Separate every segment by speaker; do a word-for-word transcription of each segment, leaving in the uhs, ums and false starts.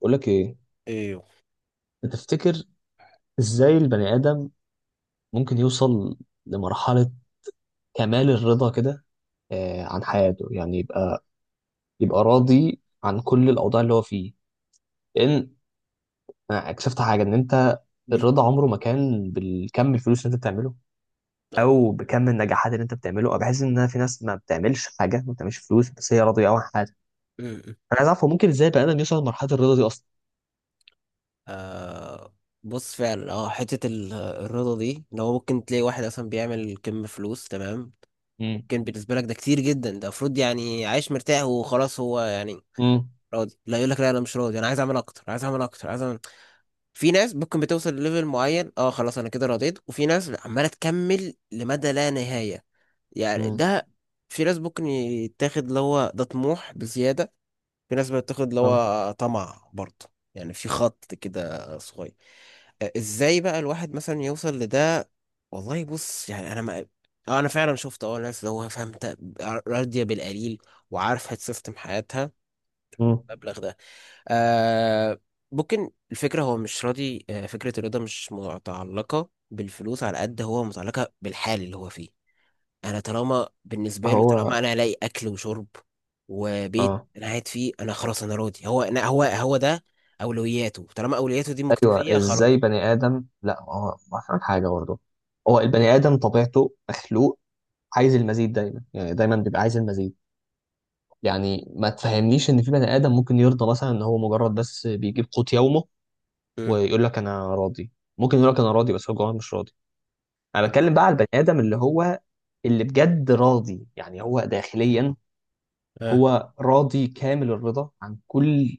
Speaker 1: بقول لك ايه؟
Speaker 2: ايوه.
Speaker 1: تفتكر ازاي البني ادم ممكن يوصل لمرحله كمال الرضا كده؟ آه عن حياته، يعني يبقى يبقى راضي عن كل الاوضاع اللي هو فيه. لان انا اكتشفت حاجه، ان انت
Speaker 2: مم.
Speaker 1: الرضا عمره ما كان بالكم الفلوس اللي انت بتعمله
Speaker 2: طيب.
Speaker 1: او بكم النجاحات اللي انت بتعمله. انا بحس ان في ناس ما بتعملش حاجه، ما بتعملش فلوس، بس هي راضيه قوي عن حياتها.
Speaker 2: مم. مم.
Speaker 1: انا عايز اعرف هو ممكن ازاي البني ادم يوصل لمرحله الرضا دي اصلا؟
Speaker 2: آه، بص فعلا اه حتة ال- الرضا دي ان هو ممكن تلاقي واحد اصلا بيعمل كم فلوس. تمام،
Speaker 1: امم
Speaker 2: ممكن بالنسبة لك ده كتير جدا، ده المفروض يعني عايش مرتاح وخلاص، هو يعني
Speaker 1: امم
Speaker 2: راضي. لا، يقول لك لا انا مش راضي، انا عايز اعمل اكتر، عايز اعمل اكتر، عايز اعمل. في ناس ممكن بتوصل لليفل معين، اه خلاص انا كده رضيت، وفي ناس عمالة تكمل لمدى لا نهاية. يعني
Speaker 1: امم
Speaker 2: ده في ناس ممكن يتاخد اللي هو ده طموح بزيادة، في ناس بتاخد اللي
Speaker 1: اه
Speaker 2: هو طمع برضه، يعني في خط كده صغير. آه، ازاي بقى الواحد مثلا يوصل لده؟ والله بص، يعني انا ما... آه، انا فعلا شفت اه ناس اللي هو فهمت، راضيه بالقليل وعارفه تسيستم حياتها
Speaker 1: امم
Speaker 2: المبلغ ده. آه، ممكن الفكره هو مش راضي. آه، فكره الرضا مش متعلقه بالفلوس، على قد هو متعلقه بالحال اللي هو فيه. انا طالما بالنسبه له،
Speaker 1: هو
Speaker 2: طالما انا الاقي اكل وشرب وبيت
Speaker 1: اه،
Speaker 2: انا قاعد فيه، انا خلاص انا راضي. هو أنا هو هو ده اولوياته، طالما اولوياته دي
Speaker 1: ايوه،
Speaker 2: مكتفيه
Speaker 1: ازاي
Speaker 2: خلاص.
Speaker 1: بني ادم لا هو ما فاهم حاجه برضه. هو البني ادم طبيعته مخلوق عايز المزيد دايما، يعني دايما بيبقى عايز المزيد. يعني ما تفهمنيش ان في بني ادم ممكن يرضى مثلا، ان هو مجرد بس بيجيب قوت يومه
Speaker 2: امم
Speaker 1: ويقول لك انا راضي. ممكن يقول لك انا راضي بس هو جواه مش راضي. انا بتكلم بقى على البني ادم اللي هو اللي بجد راضي، يعني هو داخليا
Speaker 2: اه،
Speaker 1: هو راضي كامل الرضا عن كل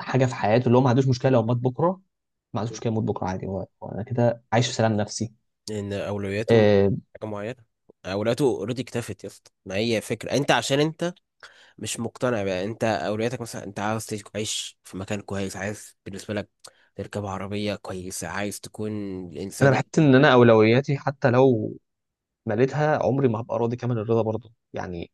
Speaker 1: حاجه في حياته، اللي هو ما عندوش مشكله لو مات بكره، ما عندوش مشكله يموت بكره عادي، هو هو انا كده عايش في سلام نفسي.
Speaker 2: ان اولوياته مش
Speaker 1: آه،
Speaker 2: حاجه معينه. اولوياته اوريدي اكتفت يا اسطى. ما هي فكره انت عشان انت مش مقتنع بقى، انت اولوياتك مثلا انت عاوز تعيش تعيش في مكان كويس، عايز بالنسبه لك تركب عربيه كويسه، عايز تكون
Speaker 1: انا
Speaker 2: الانسان
Speaker 1: بحس
Speaker 2: اللي
Speaker 1: ان انا
Speaker 2: معاك.
Speaker 1: اولوياتي حتى لو مليتها عمري ما هبقى راضي كامل الرضا برضه، يعني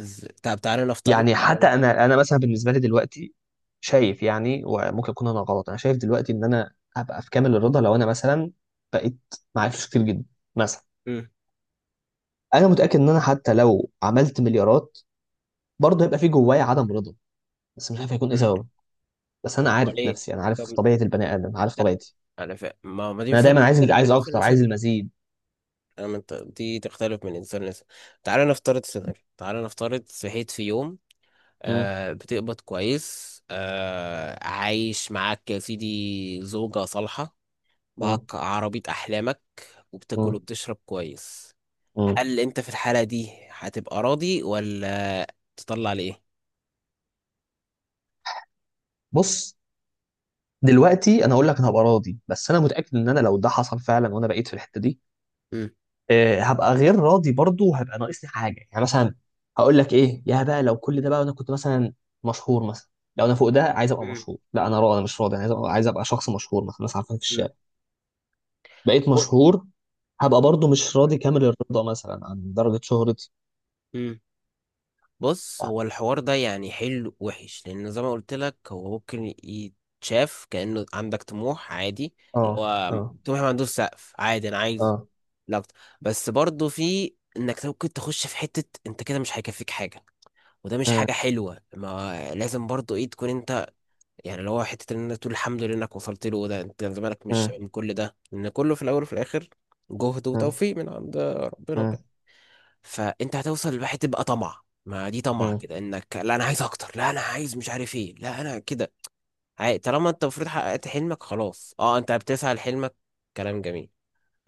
Speaker 2: ز- طب تعالى نفترض،
Speaker 1: يعني
Speaker 2: تعالى
Speaker 1: حتى
Speaker 2: نفترض
Speaker 1: انا انا مثلا بالنسبه لي دلوقتي شايف، يعني وممكن اكون انا غلط، انا شايف دلوقتي ان انا هبقى في كامل الرضا لو انا مثلا بقيت معايا فلوس كتير جدا مثلا.
Speaker 2: مم.
Speaker 1: انا متاكد ان انا حتى لو عملت مليارات برضه هيبقى في جوايا عدم رضا، بس مش عارف هيكون ايه
Speaker 2: مم.
Speaker 1: سببه. بس
Speaker 2: طب
Speaker 1: انا
Speaker 2: امال
Speaker 1: عارف
Speaker 2: ايه؟
Speaker 1: نفسي، انا عارف
Speaker 2: طب
Speaker 1: طبيعه البني ادم، عارف
Speaker 2: لا،
Speaker 1: طبيعتي،
Speaker 2: انا فاهم. ما ما دي
Speaker 1: انا
Speaker 2: فاهم
Speaker 1: دايما عايز،
Speaker 2: تختلف
Speaker 1: عايز
Speaker 2: من انسان
Speaker 1: اكتر
Speaker 2: لانسان.
Speaker 1: عايز المزيد.
Speaker 2: انا من ط- دي تختلف من انسان لانسان. تعالى نفترض سيناريو، تعالى نفترض صحيت في يوم،
Speaker 1: م-
Speaker 2: آه بتقبض كويس، آه عايش معاك يا سيدي زوجة صالحة، معاك
Speaker 1: م-
Speaker 2: عربية احلامك،
Speaker 1: م-
Speaker 2: وبتاكل وبتشرب كويس.
Speaker 1: م.
Speaker 2: هل انت في الحالة دي هتبقى راضي ولا تطلع ليه؟
Speaker 1: بص، دلوقتي انا اقول لك انا هبقى راضي، بس انا متاكد ان انا لو ده حصل فعلا وانا بقيت في الحته دي، آه، هبقى غير راضي برضو، وهبقى ناقصني حاجه. يعني مثلا هقول لك ايه يا بقى؟ لو كل ده بقى انا كنت مثلا مشهور مثلا، لو انا فوق ده عايز ابقى مشهور. لا انا راضي، انا مش راضي، انا عايز ابقى، عايز ابقى شخص مشهور مثلا، الناس عارفاني في الشارع. بقيت مشهور، هبقى برضو مش راضي كامل الرضا مثلا عن درجه شهرتي.
Speaker 2: امم بص، هو الحوار ده يعني حلو وحش، لان زي ما قلت لك هو ممكن يتشاف كأنه عندك طموح عادي، اللي
Speaker 1: اه،
Speaker 2: هو
Speaker 1: اه،
Speaker 2: طموح ما عندوش سقف عادي، انا عايز
Speaker 1: اه،
Speaker 2: لقط. بس برضه في انك ممكن تخش في حتة انت كده مش هيكفيك حاجة، وده مش
Speaker 1: مم،
Speaker 2: حاجة حلوة. ما لازم برضه ايه تكون انت، يعني اللي هو حتة ان انت تقول الحمد لله انك وصلت له ده، انت زمانك مش
Speaker 1: مم،
Speaker 2: من كل ده، لان كله في الاول وفي الاخر جهد
Speaker 1: مم،
Speaker 2: وتوفيق من عند ربنا
Speaker 1: مم،
Speaker 2: وكده. فانت هتوصل لواحد تبقى طمع، ما دي طمع
Speaker 1: مم،
Speaker 2: كده انك لا انا عايز اكتر، لا انا عايز مش عارف ايه، لا انا كده عاي- طالما انت المفروض حققت حلمك خلاص، اه انت بتسعى لحلمك، كلام جميل.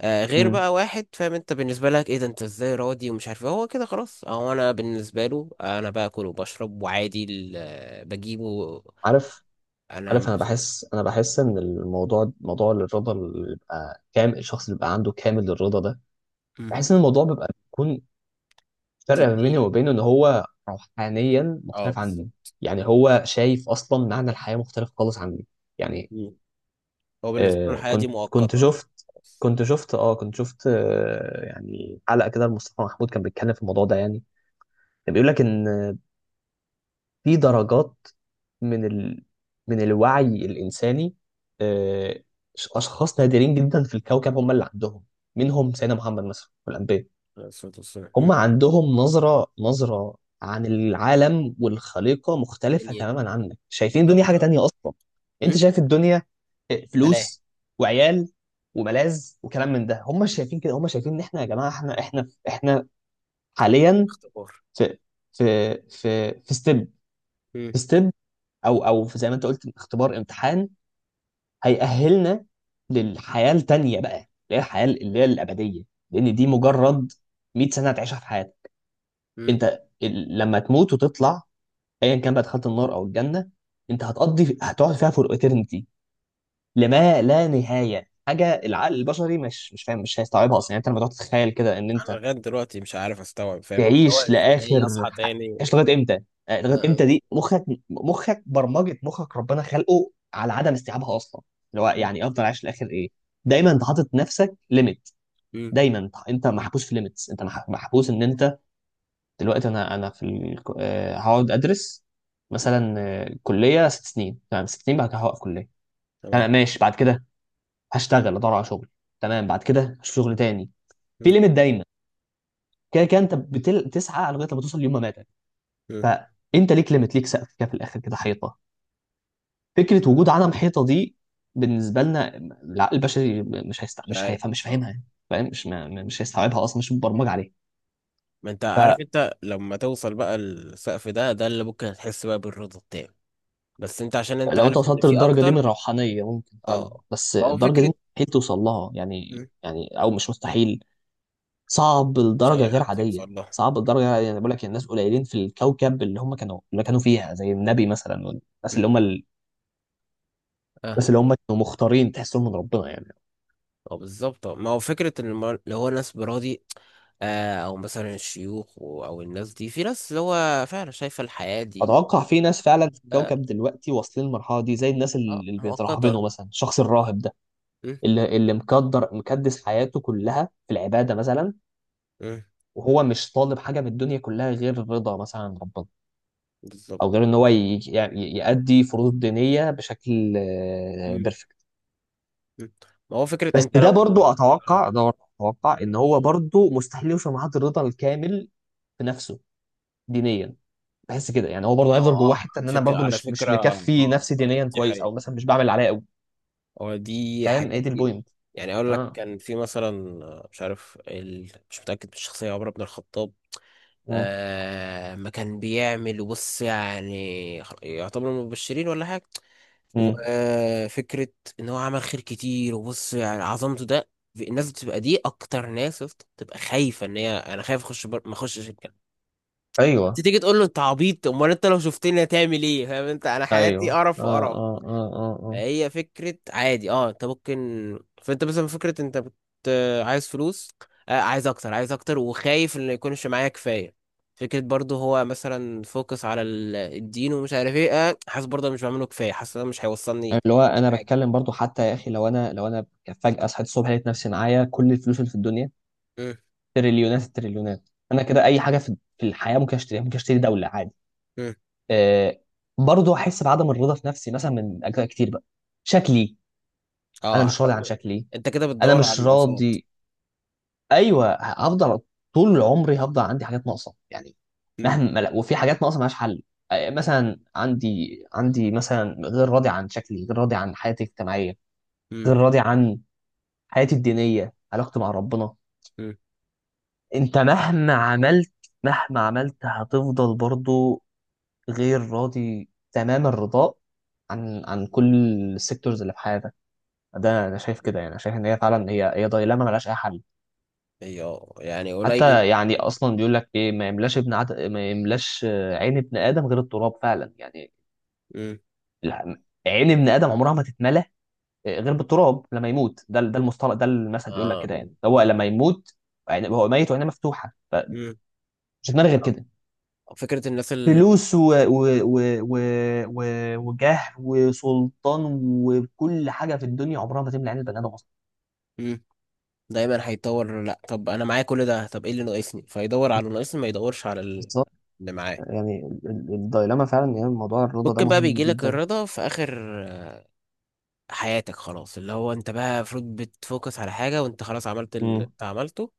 Speaker 2: آه غير
Speaker 1: مم.
Speaker 2: بقى واحد فاهم انت بالنسبه لك ايه ده، انت ازاي راضي ومش عارف ايه، هو كده خلاص. آه، هو انا بالنسبه له انا باكل وبشرب وعادي ال- بجيبه.
Speaker 1: عارف،
Speaker 2: انا
Speaker 1: عارف انا
Speaker 2: مبسوط.
Speaker 1: بحس، انا بحس ان الموضوع، موضوع الرضا اللي بيبقى كامل، الشخص اللي بيبقى عنده كامل الرضا ده،
Speaker 2: مم.
Speaker 1: بحس ان الموضوع بيبقى بيكون فرق ما بيني
Speaker 2: تدين.
Speaker 1: وبينه ان هو روحانيا
Speaker 2: اه،
Speaker 1: مختلف عني.
Speaker 2: بالظبط.
Speaker 1: يعني هو شايف اصلا معنى الحياة مختلف خالص عني، يعني
Speaker 2: مم. هو بالنسبه له
Speaker 1: آه،
Speaker 2: الحياه دي
Speaker 1: كنت كنت
Speaker 2: مؤقته.
Speaker 1: شفت،
Speaker 2: خلاص.
Speaker 1: كنت شفت اه كنت شفت آه، يعني حلقة كده لمصطفى محمود كان بيتكلم في الموضوع ده. يعني كان بيقول لك ان في درجات من ال... من الوعي الإنساني. آه، أشخاص نادرين جدا في الكوكب هم اللي عندهم، منهم سيدنا محمد مثلا والأنبياء.
Speaker 2: عليه الصلاه والسلام.
Speaker 1: هم
Speaker 2: مم.
Speaker 1: عندهم نظرة نظرة عن العالم والخليقة مختلفة
Speaker 2: يعني
Speaker 1: تماما عنك، شايفين الدنيا
Speaker 2: بالظبط،
Speaker 1: حاجة
Speaker 2: اه.
Speaker 1: تانية أصلا. أنت
Speaker 2: مم.
Speaker 1: شايف الدنيا آه،
Speaker 2: ملاهي.
Speaker 1: فلوس وعيال وملاذ وكلام من ده. هم مش شايفين كده، هم شايفين إن إحنا يا جماعة، إحنا إحنا إحنا حاليا
Speaker 2: اختبار.
Speaker 1: في، في في في
Speaker 2: مم.
Speaker 1: ستيب، او او في- زي ما انت قلت اختبار، امتحان هيأهلنا للحياه التانيه بقى، اللي هي الحياه اللي هي الابديه. لان دي مجرد مية سنه هتعيشها في حياتك.
Speaker 2: مم.
Speaker 1: انت ال- لما تموت وتطلع، ايا كان بقى دخلت النار او الجنه، انت هتقضي، هتقعد فيها فور eternity، لما لا نهايه. حاجه العقل البشري مش مش فاهم، مش هيستوعبها اصلا.
Speaker 2: آه.
Speaker 1: يعني انت لما تقعد تتخيل كده ان
Speaker 2: انا
Speaker 1: انت
Speaker 2: لغايه دلوقتي مش عارف استوعب فاهم انت اللي هو
Speaker 1: تعيش
Speaker 2: ازاي
Speaker 1: لاخر
Speaker 2: اصحى
Speaker 1: حق،
Speaker 2: تاني
Speaker 1: تعيش
Speaker 2: و...
Speaker 1: لغايه امتى؟ آه، لغايه
Speaker 2: آه. آه.
Speaker 1: امتى دي مخك، مخك برمجه مخك ربنا خلقه على عدم استيعابها اصلا. اللي هو
Speaker 2: مم.
Speaker 1: يعني افضل عايش لاخر ايه؟ دايما انت حاطط نفسك ليميت،
Speaker 2: مم.
Speaker 1: دايما انت، أنت محبوس في ليميتس، انت مح- محبوس ان انت، دلوقتي انا، انا في ال... آه، هقعد ادرس مثلا آه، كليه ست سنين تمام، ست سنين بعد كده هوقف كليه
Speaker 2: تمام.
Speaker 1: تمام، ماشي، بعد كده هشتغل ادور على شغل تمام، بعد كده هشوف شغل تاني. في
Speaker 2: مم.
Speaker 1: ليميت دايما، كده كده انت بتل... بتسعى لغايه لما توصل ليوم ما ماتك.
Speaker 2: مم.
Speaker 1: فانت ليك ليميت، ليك سقف كده في الاخر، كده حيطه. فكره وجود عدم حيطه دي بالنسبه لنا، العقل البشري مش هيست
Speaker 2: مش
Speaker 1: مش
Speaker 2: عارف.
Speaker 1: هيفهم، مش
Speaker 2: آه.
Speaker 1: فاهمها يعني. فاهم، مش ما... مش هيستوعبها اصلا، مش مبرمج عليه.
Speaker 2: ما انت عارف انت لما توصل بقى السقف ده، ده اللي ممكن هتحس بقى بالرضا التام، بس انت عشان انت
Speaker 1: فلو انت
Speaker 2: عارف ان
Speaker 1: وصلت
Speaker 2: في
Speaker 1: للدرجه دي من
Speaker 2: اكتر.
Speaker 1: الروحانيه ممكن فعلا،
Speaker 2: اه،
Speaker 1: بس
Speaker 2: فهو
Speaker 1: الدرجه دي
Speaker 2: فكره.
Speaker 1: مستحيل توصل لها، يعني
Speaker 2: مم.
Speaker 1: يعني او مش مستحيل، صعب
Speaker 2: مش
Speaker 1: لدرجه
Speaker 2: اي
Speaker 1: غير
Speaker 2: حد
Speaker 1: عاديه،
Speaker 2: يوصل له.
Speaker 1: صعب لدرجه
Speaker 2: مم.
Speaker 1: غير عادية. يعني أنا بقول لك الناس قليلين في الكوكب اللي هم كانوا، اللي كانوا فيها زي النبي مثلا، والناس اللي
Speaker 2: مم.
Speaker 1: هم ال...
Speaker 2: آه.
Speaker 1: الناس اللي هم كانوا مختارين تحسهم من ربنا يعني.
Speaker 2: اه بالظبط. ما هو فكرة إن الم- اللي هو ناس براضي. آه، أو مثلا الشيوخ و- أو الناس دي، في ناس اللي هو فعلا شايفة الحياة دي
Speaker 1: اتوقع في ناس فعلا في
Speaker 2: آه.
Speaker 1: الكوكب دلوقتي واصلين للمرحله دي، زي الناس
Speaker 2: آه،
Speaker 1: اللي اللي
Speaker 2: مؤقتة.
Speaker 1: بيترهبنوا مثلا، الشخص الراهب ده
Speaker 2: م-
Speaker 1: اللي، اللي مقدر مكدس حياته كلها في العباده مثلا،
Speaker 2: م،
Speaker 1: وهو مش طالب حاجه من الدنيا كلها غير رضا مثلا عن ربنا، او
Speaker 2: بالظبط.
Speaker 1: غير ان هو ي- ي- يأدي فروض دينيه بشكل
Speaker 2: م-
Speaker 1: بيرفكت.
Speaker 2: م. ما هو فكرة
Speaker 1: بس
Speaker 2: أنت
Speaker 1: ده
Speaker 2: لو
Speaker 1: برضو
Speaker 2: آه،
Speaker 1: اتوقع، ده برضو اتوقع ان هو برضو مستحيل يوصل لمرحله الرضا الكامل في نفسه دينيا. بحس كده يعني هو برضه
Speaker 2: أو
Speaker 1: هيفضل جواه
Speaker 2: آه،
Speaker 1: حته
Speaker 2: على
Speaker 1: ان انا
Speaker 2: فكرة،
Speaker 1: برضه
Speaker 2: على
Speaker 1: مش مش
Speaker 2: فكرة آه.
Speaker 1: مكفي نفسي
Speaker 2: آه،
Speaker 1: دينيا
Speaker 2: دي
Speaker 1: كويس،
Speaker 2: حقيقة.
Speaker 1: او مثلا مش بعمل اللي عليا قوي.
Speaker 2: هو دي
Speaker 1: فاهم
Speaker 2: حقيقة
Speaker 1: ايه دي
Speaker 2: كتير،
Speaker 1: البوينت؟
Speaker 2: يعني أقول لك
Speaker 1: اه،
Speaker 2: كان في مثلا آه، مش عارف ال... مش متأكد من الشخصية، عمر بن الخطاب.
Speaker 1: مم،
Speaker 2: آه ما كان بيعمل بص، يعني خ- يعتبر من المبشرين ولا حاجة.
Speaker 1: مم،
Speaker 2: وفكرة ان هو عمل خير كتير، وبص يعني عظمته ده. في- الناس بتبقى دي اكتر ناس يا اسطى، بتبقى خايفة ان هي انا خايف اخش بر... ما اخشش الجنة. أنت
Speaker 1: ايوه،
Speaker 2: تيجي تقول له انت عبيط، امال انت لو شفتني هتعمل ايه؟ فاهم انت، انا حياتي
Speaker 1: ايوه،
Speaker 2: قرف
Speaker 1: اه،
Speaker 2: وقرف.
Speaker 1: اه، اه، اه، اه.
Speaker 2: هي فكرة عادي، اه انت ممكن. فانت مثلا فكرة انت بت... عايز فلوس. آه عايز اكتر، عايز اكتر، وخايف ان يكونش معايا كفاية. فكرة برضو هو مثلا فوكس على ال- الدين ومش عارف ايه. آه حاسس برضو أنا مش بعمله كفاية، حاسس إن أنا مش هيوصلني
Speaker 1: يعني اللي هو انا
Speaker 2: حاجة.
Speaker 1: بتكلم برضو حتى يا اخي، لو انا، لو انا فجأة صحيت الصبح لقيت نفسي معايا كل الفلوس اللي في الدنيا،
Speaker 2: مم.
Speaker 1: تريليونات التريليونات، انا كده اي حاجة في في الحياة ممكن اشتريها، ممكن اشتري دولة عادي.
Speaker 2: مم.
Speaker 1: آه، برضو احس بعدم الرضا في نفسي مثلا، من اجزاء كتير بقى. شكلي، انا
Speaker 2: اه
Speaker 1: مش راضي عن
Speaker 2: حتى-
Speaker 1: شكلي،
Speaker 2: انت كده
Speaker 1: انا
Speaker 2: بتدور
Speaker 1: مش
Speaker 2: على النقصات.
Speaker 1: راضي. ايوه، هفضل، طول عمري هفضل عندي حاجات ناقصه يعني،
Speaker 2: مم.
Speaker 1: مهما لا- وفي حاجات ناقصه ملهاش حل. آه، مثلا عندي عندي مثلا غير راضي عن شكلي، غير راضي عن حياتي الاجتماعيه،
Speaker 2: مم.
Speaker 1: غير راضي عن حياتي الدينيه، علاقتي مع ربنا.
Speaker 2: مم.
Speaker 1: انت مهما عملت، مهما عملت هتفضل برضو غير راضي تمام الرضاء عن، عن كل السيكتورز اللي في حياتك. ده انا شايف كده يعني، شايف ان هي فعلا، هي هي دايلاما ملهاش اي حل.
Speaker 2: ايوه، يعني قليل.
Speaker 1: حتى يعني اصلا بيقول لك ايه، ما يملاش ابن عد... ما يملاش آه، عين ابن ادم غير التراب فعلا يعني.
Speaker 2: مم.
Speaker 1: الع- عين ابن ادم عمرها ما تتملى آه، غير بالتراب لما يموت. ده ال- ده المصطلح، ده المثل بيقول لك
Speaker 2: اه.
Speaker 1: كده. يعني هو لما يموت، يعني هو ميت وعينه مفتوحه،
Speaker 2: مم.
Speaker 1: فمش هتملى غير كده.
Speaker 2: فكرة الناس اللي...
Speaker 1: فلوس و... و... و... و... و... وجاه وسلطان وكل حاجه في الدنيا عمرها ما تملى عين البني ادم اصلا.
Speaker 2: مم. دايما هيطور. لا، طب انا معايا كل ده، طب ايه اللي ناقصني؟ فيدور على اللي ناقصني، ما يدورش على ال-
Speaker 1: بالظبط،
Speaker 2: اللي معاه.
Speaker 1: يعني ال- ال- الدايلاما فعلا، يعني موضوع الرضا ده
Speaker 2: ممكن بقى
Speaker 1: مهم
Speaker 2: بيجيلك
Speaker 1: جدا.
Speaker 2: الرضا في اخر آه، حياتك خلاص. اللي هو انت بقى المفروض بتفوكس على حاجه، وانت خلاص عملت اللي
Speaker 1: مم،
Speaker 2: انت عملته،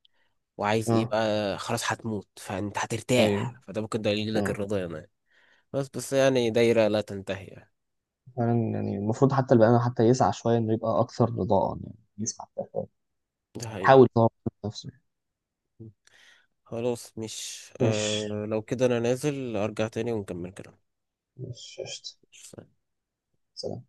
Speaker 2: وعايز ايه
Speaker 1: اه،
Speaker 2: بقى؟ خلاص هتموت، فانت
Speaker 1: ايوه،
Speaker 2: هترتاح، فده ممكن ده يجيلك
Speaker 1: اه،
Speaker 2: الرضا يعني. بس بس يعني دايره لا تنتهي يعني.
Speaker 1: فعلا. يعني المفروض حتى البني آدم حتى يسعى شوية، إنه يبقى أكثر رضاء، يعني يسعى حتى شوية
Speaker 2: ده حقيقي.
Speaker 1: يحاول يطور من نفسه.
Speaker 2: خلاص مش
Speaker 1: مش
Speaker 2: آه، لو كده انا نازل ارجع تاني ونكمل كلام.
Speaker 1: مش قشطة. سلام.